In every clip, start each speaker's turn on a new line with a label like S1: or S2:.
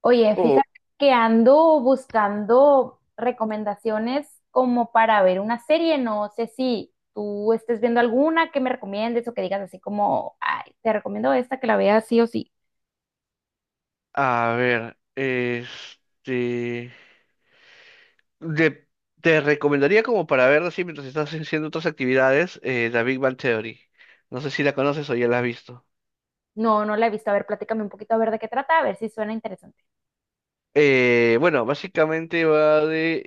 S1: Oye,
S2: Oh,
S1: fíjate que ando buscando recomendaciones como para ver una serie. No sé si tú estés viendo alguna que me recomiendes o que digas así como, ay, te recomiendo esta que la veas sí o sí.
S2: a ver, de- te recomendaría como para ver así mientras estás haciendo otras actividades, The Big Bang Theory. No sé si la conoces o ya la has visto.
S1: No, no la he visto. A ver, platícame un poquito a ver de qué trata, a ver si suena interesante.
S2: Bueno, básicamente va de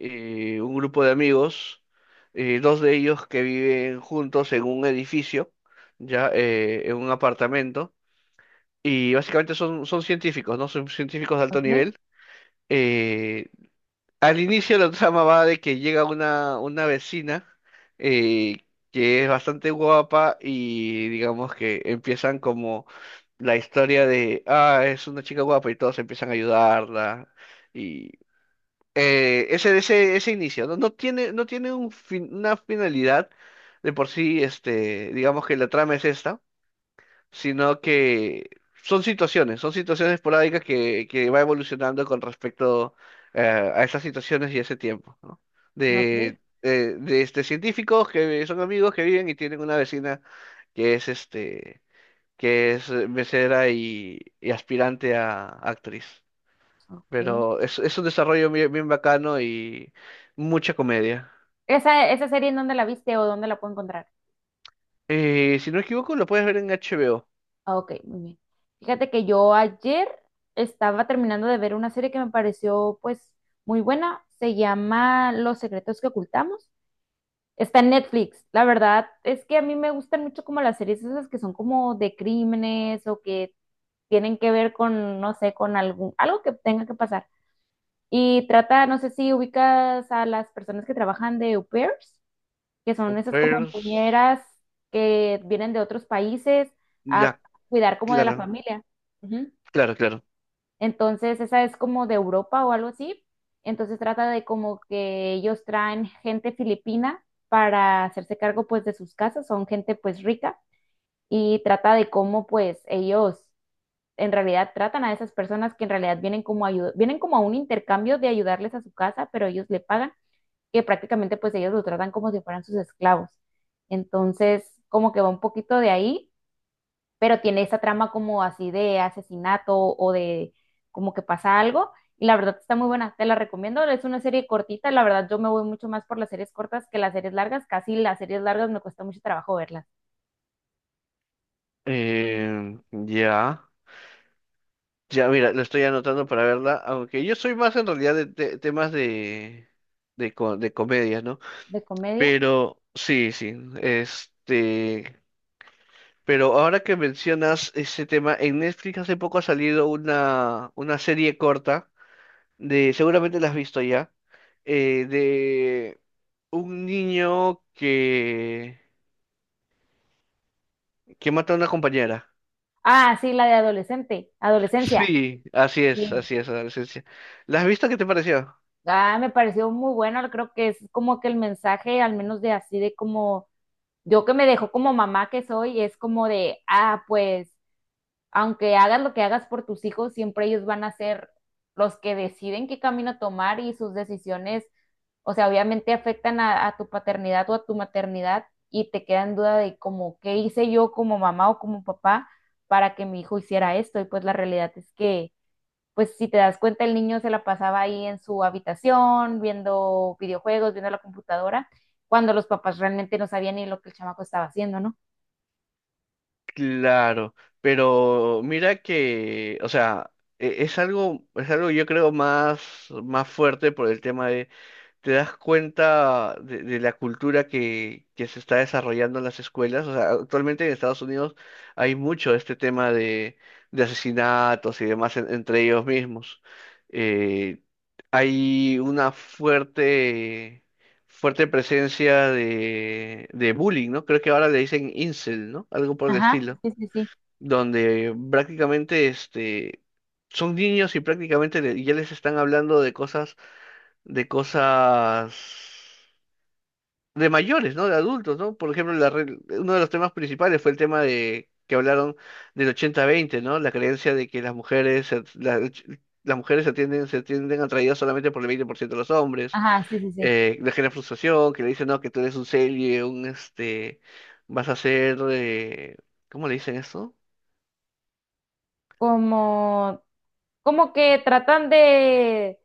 S2: un grupo de amigos, dos de ellos que viven juntos en un edificio, ya en un apartamento, y básicamente son científicos, ¿no? Son científicos de alto
S1: Ok,
S2: nivel. eh, Al inicio la trama va de que llega una vecina eh, que es bastante guapa y digamos que empiezan como la historia de, ah, es una chica guapa y todos empiezan a ayudarla. Y ese inicio, ¿no? No tiene un una finalidad de por sí, este, digamos que la trama es esta, sino que son situaciones esporádicas que va evolucionando con respecto eh, a esas situaciones y ese tiempo, ¿no?
S1: ok,
S2: De, este, científicos que son amigos que viven y tienen una vecina que es que es mesera y aspirante a actriz.
S1: ok.
S2: Pero es un desarrollo bien, bien bacano y mucha comedia.
S1: ¿Esa, esa serie en dónde la viste o dónde la puedo encontrar?
S2: Si no me equivoco, lo puedes ver en HBO.
S1: Ah, ok, muy bien. Fíjate que yo ayer estaba terminando de ver una serie que me pareció pues muy buena. Se llama Los secretos que ocultamos. Está en Netflix. La verdad es que a mí me gustan mucho como las series esas que son como de crímenes o que tienen que ver con, no sé, con algún, algo que tenga que pasar. Y trata, no sé si ubicas a las personas que trabajan de au pairs, que son esas como
S2: Pers-
S1: niñeras que vienen de otros países a
S2: Ya,
S1: cuidar como de la
S2: claro,
S1: familia. Ujú.
S2: claro, claro.
S1: Entonces, esa es como de Europa o algo así. Entonces trata de como que ellos traen gente filipina para hacerse cargo pues de sus casas, son gente pues rica, y trata de cómo pues ellos en realidad tratan a esas personas que en realidad vienen como ayuda, vienen como a un intercambio de ayudarles a su casa, pero ellos le pagan, que prácticamente pues ellos lo tratan como si fueran sus esclavos. Entonces, como que va un poquito de ahí, pero tiene esa trama como así de asesinato o de como que pasa algo. Y la verdad está muy buena, te la recomiendo. Es una serie cortita, la verdad yo me voy mucho más por las series cortas que las series largas. Casi las series largas me cuesta mucho trabajo verlas.
S2: Eh, ya, ya, mira, lo estoy anotando para verla, aunque yo soy más en realidad temas de, de comedias, ¿no?
S1: ¿De comedia?
S2: Pero sí, sí, este, pero ahora que mencionas ese tema, en Netflix hace poco ha salido una serie corta, de, seguramente la has visto ya, de un niño que mata a una compañera.
S1: Ah, sí, la de adolescente, adolescencia.
S2: Sí,
S1: Sí.
S2: así es, adolescencia. ¿La has visto? ¿Qué te pareció?
S1: Ah, me pareció muy buena, creo que es como que el mensaje, al menos de así, de como yo, que me dejó como mamá que soy, es como de, ah, pues, aunque hagas lo que hagas por tus hijos, siempre ellos van a ser los que deciden qué camino tomar y sus decisiones, o sea, obviamente afectan a tu paternidad o a tu maternidad, y te queda en duda de como, ¿qué hice yo como mamá o como papá para que mi hijo hiciera esto? Y pues la realidad es que pues si te das cuenta, el niño se la pasaba ahí en su habitación, viendo videojuegos, viendo la computadora, cuando los papás realmente no sabían ni lo que el chamaco estaba haciendo, ¿no?
S2: Claro, pero mira que, o sea, es algo yo creo más, más fuerte por el tema de, te das cuenta de la cultura que se está desarrollando en las escuelas. O sea, actualmente en Estados Unidos hay mucho este tema de asesinatos y demás entre ellos mismos. Eh, hay una fuerte presencia de bullying, ¿no? Creo que ahora le dicen incel, ¿no? Algo por el
S1: Ajá,
S2: estilo
S1: sí, sí, sí.
S2: donde prácticamente son niños y prácticamente ya les están hablando de cosas, de cosas de mayores, ¿no? De adultos, ¿no? Por ejemplo, uno de los temas principales fue el tema de que hablaron del 80-20, ¿no? La creencia de que las las mujeres se tienden atraídas solamente por el 20% de los hombres,
S1: Ajá, sí, sí, sí.
S2: le genera frustración, que le dicen, no, que tú eres un serie, vas a ser, ¿cómo le dicen eso?
S1: Como, como que tratan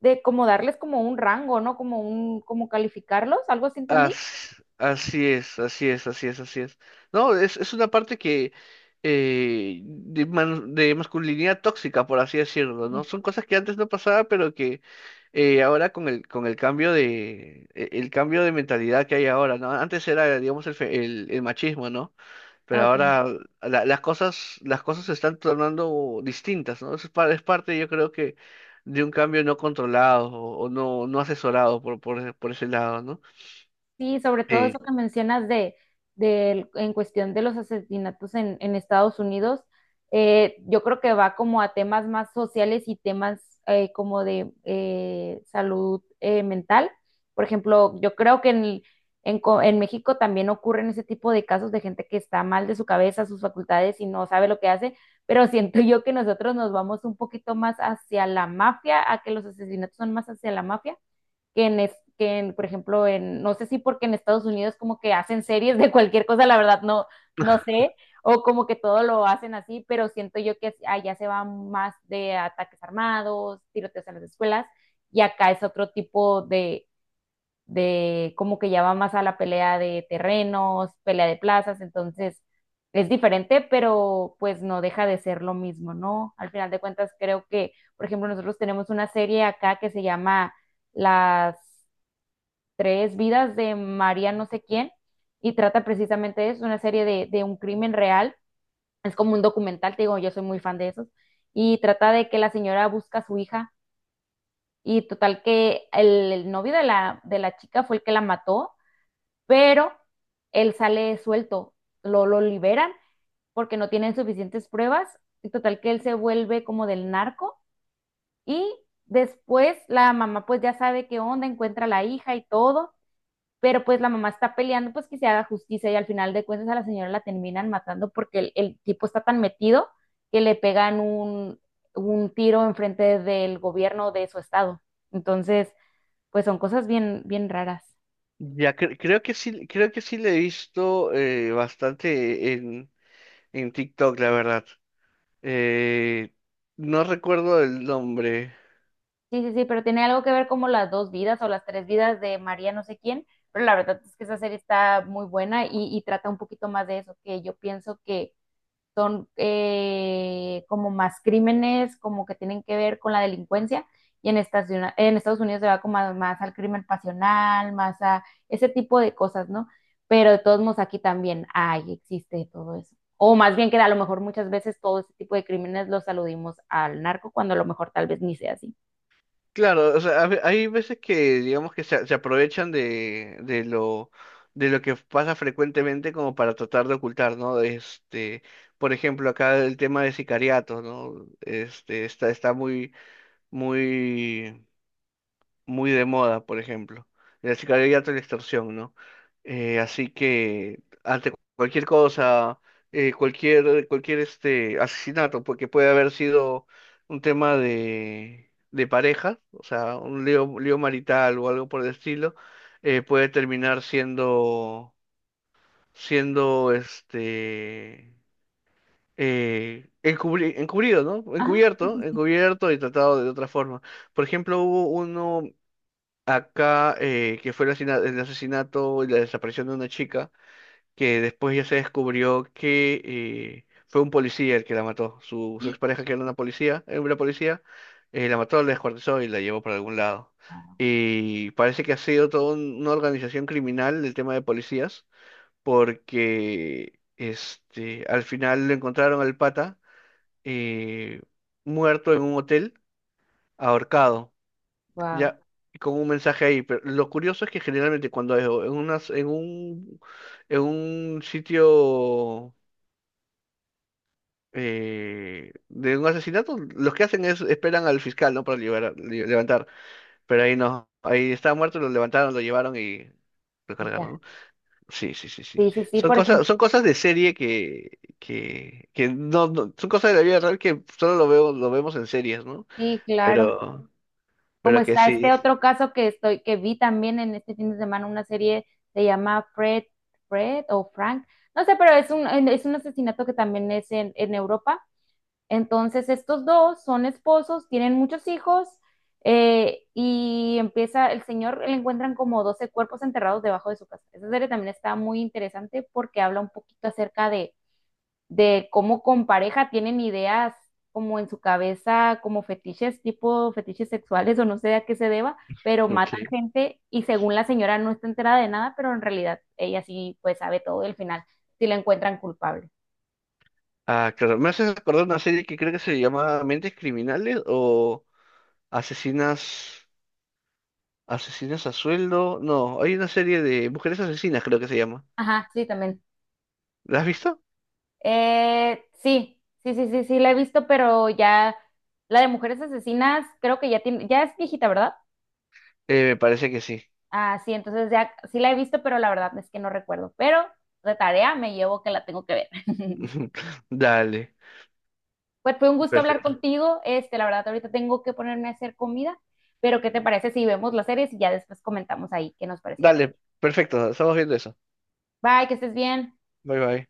S1: de como darles como un rango, ¿no? Como un, como calificarlos, algo así entendí.
S2: Así es, así es, así es, así es. No, es una parte que de masculinidad tóxica, por así decirlo, ¿no?
S1: Sí.
S2: Son cosas que antes no pasaba, pero que ahora con el cambio de, el cambio de mentalidad que hay ahora, ¿no? Antes era, digamos, el machismo, ¿no? Pero
S1: Ah, ok.
S2: ahora las cosas se están tornando distintas, ¿no? Eso es, es parte, yo creo que, de un cambio no controlado o, no asesorado por ese lado, ¿no?
S1: Sí, sobre todo eso
S2: Eh,
S1: que mencionas de, del- en cuestión de los asesinatos en Estados Unidos, yo creo que va como a temas más sociales y temas como de salud mental. Por ejemplo, yo creo que en, co- en México también ocurren ese tipo de casos de gente que está mal de su cabeza, sus facultades y no sabe lo que hace, pero siento yo que nosotros nos vamos un poquito más hacia la mafia, a que los asesinatos son más hacia la mafia que en, es, que en, por ejemplo, en, no sé si porque en Estados Unidos como que hacen series de cualquier cosa, la verdad no, no sé, o como que todo lo hacen así, pero siento yo que allá se va más de ataques armados, tiroteos en las escuelas, y acá es otro tipo de como que ya va más a la pelea de terrenos, pelea de plazas, entonces es diferente, pero pues no deja de ser lo mismo, ¿no? Al final de cuentas creo que, por ejemplo, nosotros tenemos una serie acá que se llama Las tres vidas de María no sé quién, y trata precisamente de eso, una serie de un crimen real. Es como un documental, te digo, yo soy muy fan de esos. Y trata de que la señora busca a su hija y total que el novio de la chica fue el que la mató, pero él sale suelto, lo liberan porque no tienen suficientes pruebas y total que él se vuelve como del narco y después la mamá pues ya sabe qué onda, encuentra a la hija y todo, pero pues la mamá está peleando pues que se haga justicia y al final de cuentas a la señora la terminan matando porque el tipo está tan metido que le pegan un tiro enfrente del gobierno de su estado. Entonces, pues son cosas bien, bien raras.
S2: Ya creo que sí le he visto bastante en TikTok, la verdad. Eh, no recuerdo el nombre.
S1: Sí, sí, sí, pero tiene algo que ver como las dos vidas o las tres vidas de María no sé quién, pero la verdad es que esa serie está muy buena y trata un poquito más de eso, que yo pienso que son como más crímenes, como que tienen que ver con la delincuencia, y en Estados Unidos se va como a- más al crimen pasional, más a ese tipo de cosas, ¿no? Pero de todos modos aquí también hay, existe todo eso. O más bien que a lo mejor muchas veces todo ese tipo de crímenes los aludimos al narco, cuando a lo mejor tal vez ni sea así.
S2: Claro, o sea, hay veces que digamos que se aprovechan de lo de lo que pasa frecuentemente como para tratar de ocultar, ¿no? Este, por ejemplo, acá el tema de sicariatos, ¿no? Este, está muy, muy muy de moda, por ejemplo. El sicariato y la extorsión, ¿no? Así que ante cualquier cosa, cualquier asesinato, porque puede haber sido un tema de pareja, o sea, un lío marital o algo por el estilo, puede terminar siendo encubrido, ¿no?
S1: Ajá.
S2: Encubierto, encubierto y tratado de otra forma. Por ejemplo, hubo uno acá, que fue el asesinato y la desaparición de una chica, que después ya se descubrió que fue un policía el que la mató. Su expareja, que era una policía, la mató, la descuartizó y la llevó para algún lado. Y parece que ha sido toda una organización criminal el tema de policías, porque al final lo encontraron al pata eh, muerto en un hotel, ahorcado.
S1: Wow,
S2: Ya, con un mensaje ahí, pero lo curioso es que generalmente cuando es o en unas, en un sitio de un asesinato, los que hacen es esperan al fiscal, ¿no? Para levantar, pero ahí no, ahí estaba muerto, lo levantaron, lo llevaron y lo
S1: y
S2: cargaron,
S1: ya.
S2: ¿no? Sí, sí, sí, sí.
S1: Sí, sí, sí, por ejemplo,
S2: Son cosas de serie que no, no- son cosas de la vida real que lo vemos en series, ¿no?
S1: sí, claro.
S2: Pero,
S1: Como
S2: pero que
S1: está
S2: sí,
S1: este otro caso que estoy, que vi también en este fin de semana, una serie se llama Fred, Fred o Frank, no sé, pero es un asesinato que también es en Europa. Entonces, estos dos son esposos, tienen muchos hijos, y empieza, el señor le encuentran como 12 cuerpos enterrados debajo de su casa. Esa serie también está muy interesante porque habla un poquito acerca de cómo con pareja tienen ideas como en su cabeza, como fetiches, tipo fetiches sexuales o no sé a qué se deba, pero matan
S2: ok.
S1: gente y según la señora no está enterada de nada, pero en realidad ella sí pues sabe todo del final, si la encuentran culpable.
S2: Ah, claro. Me haces acordar una serie que creo que se llama Mentes Criminales o Asesinas, Asesinas a Sueldo. No, hay una serie de Mujeres Asesinas, creo que se llama.
S1: Ajá, sí, también.
S2: ¿La has visto?
S1: Sí, sí, sí, sí, sí, la he visto, pero ya la de mujeres asesinas creo que ya tiene, ya es viejita, ¿verdad?
S2: Me parece que sí.
S1: Ah, sí, entonces ya sí la he visto, pero la verdad es que no recuerdo, pero de tarea me llevo que la tengo que ver.
S2: Dale,
S1: Pues fue un gusto hablar
S2: perfecto.
S1: contigo. Este, la verdad, ahorita tengo que ponerme a hacer comida, pero ¿qué te parece si vemos las series y ya después comentamos ahí qué nos parecieron?
S2: Dale, perfecto. Estamos viendo eso.
S1: Bye, que estés bien.
S2: Bye bye.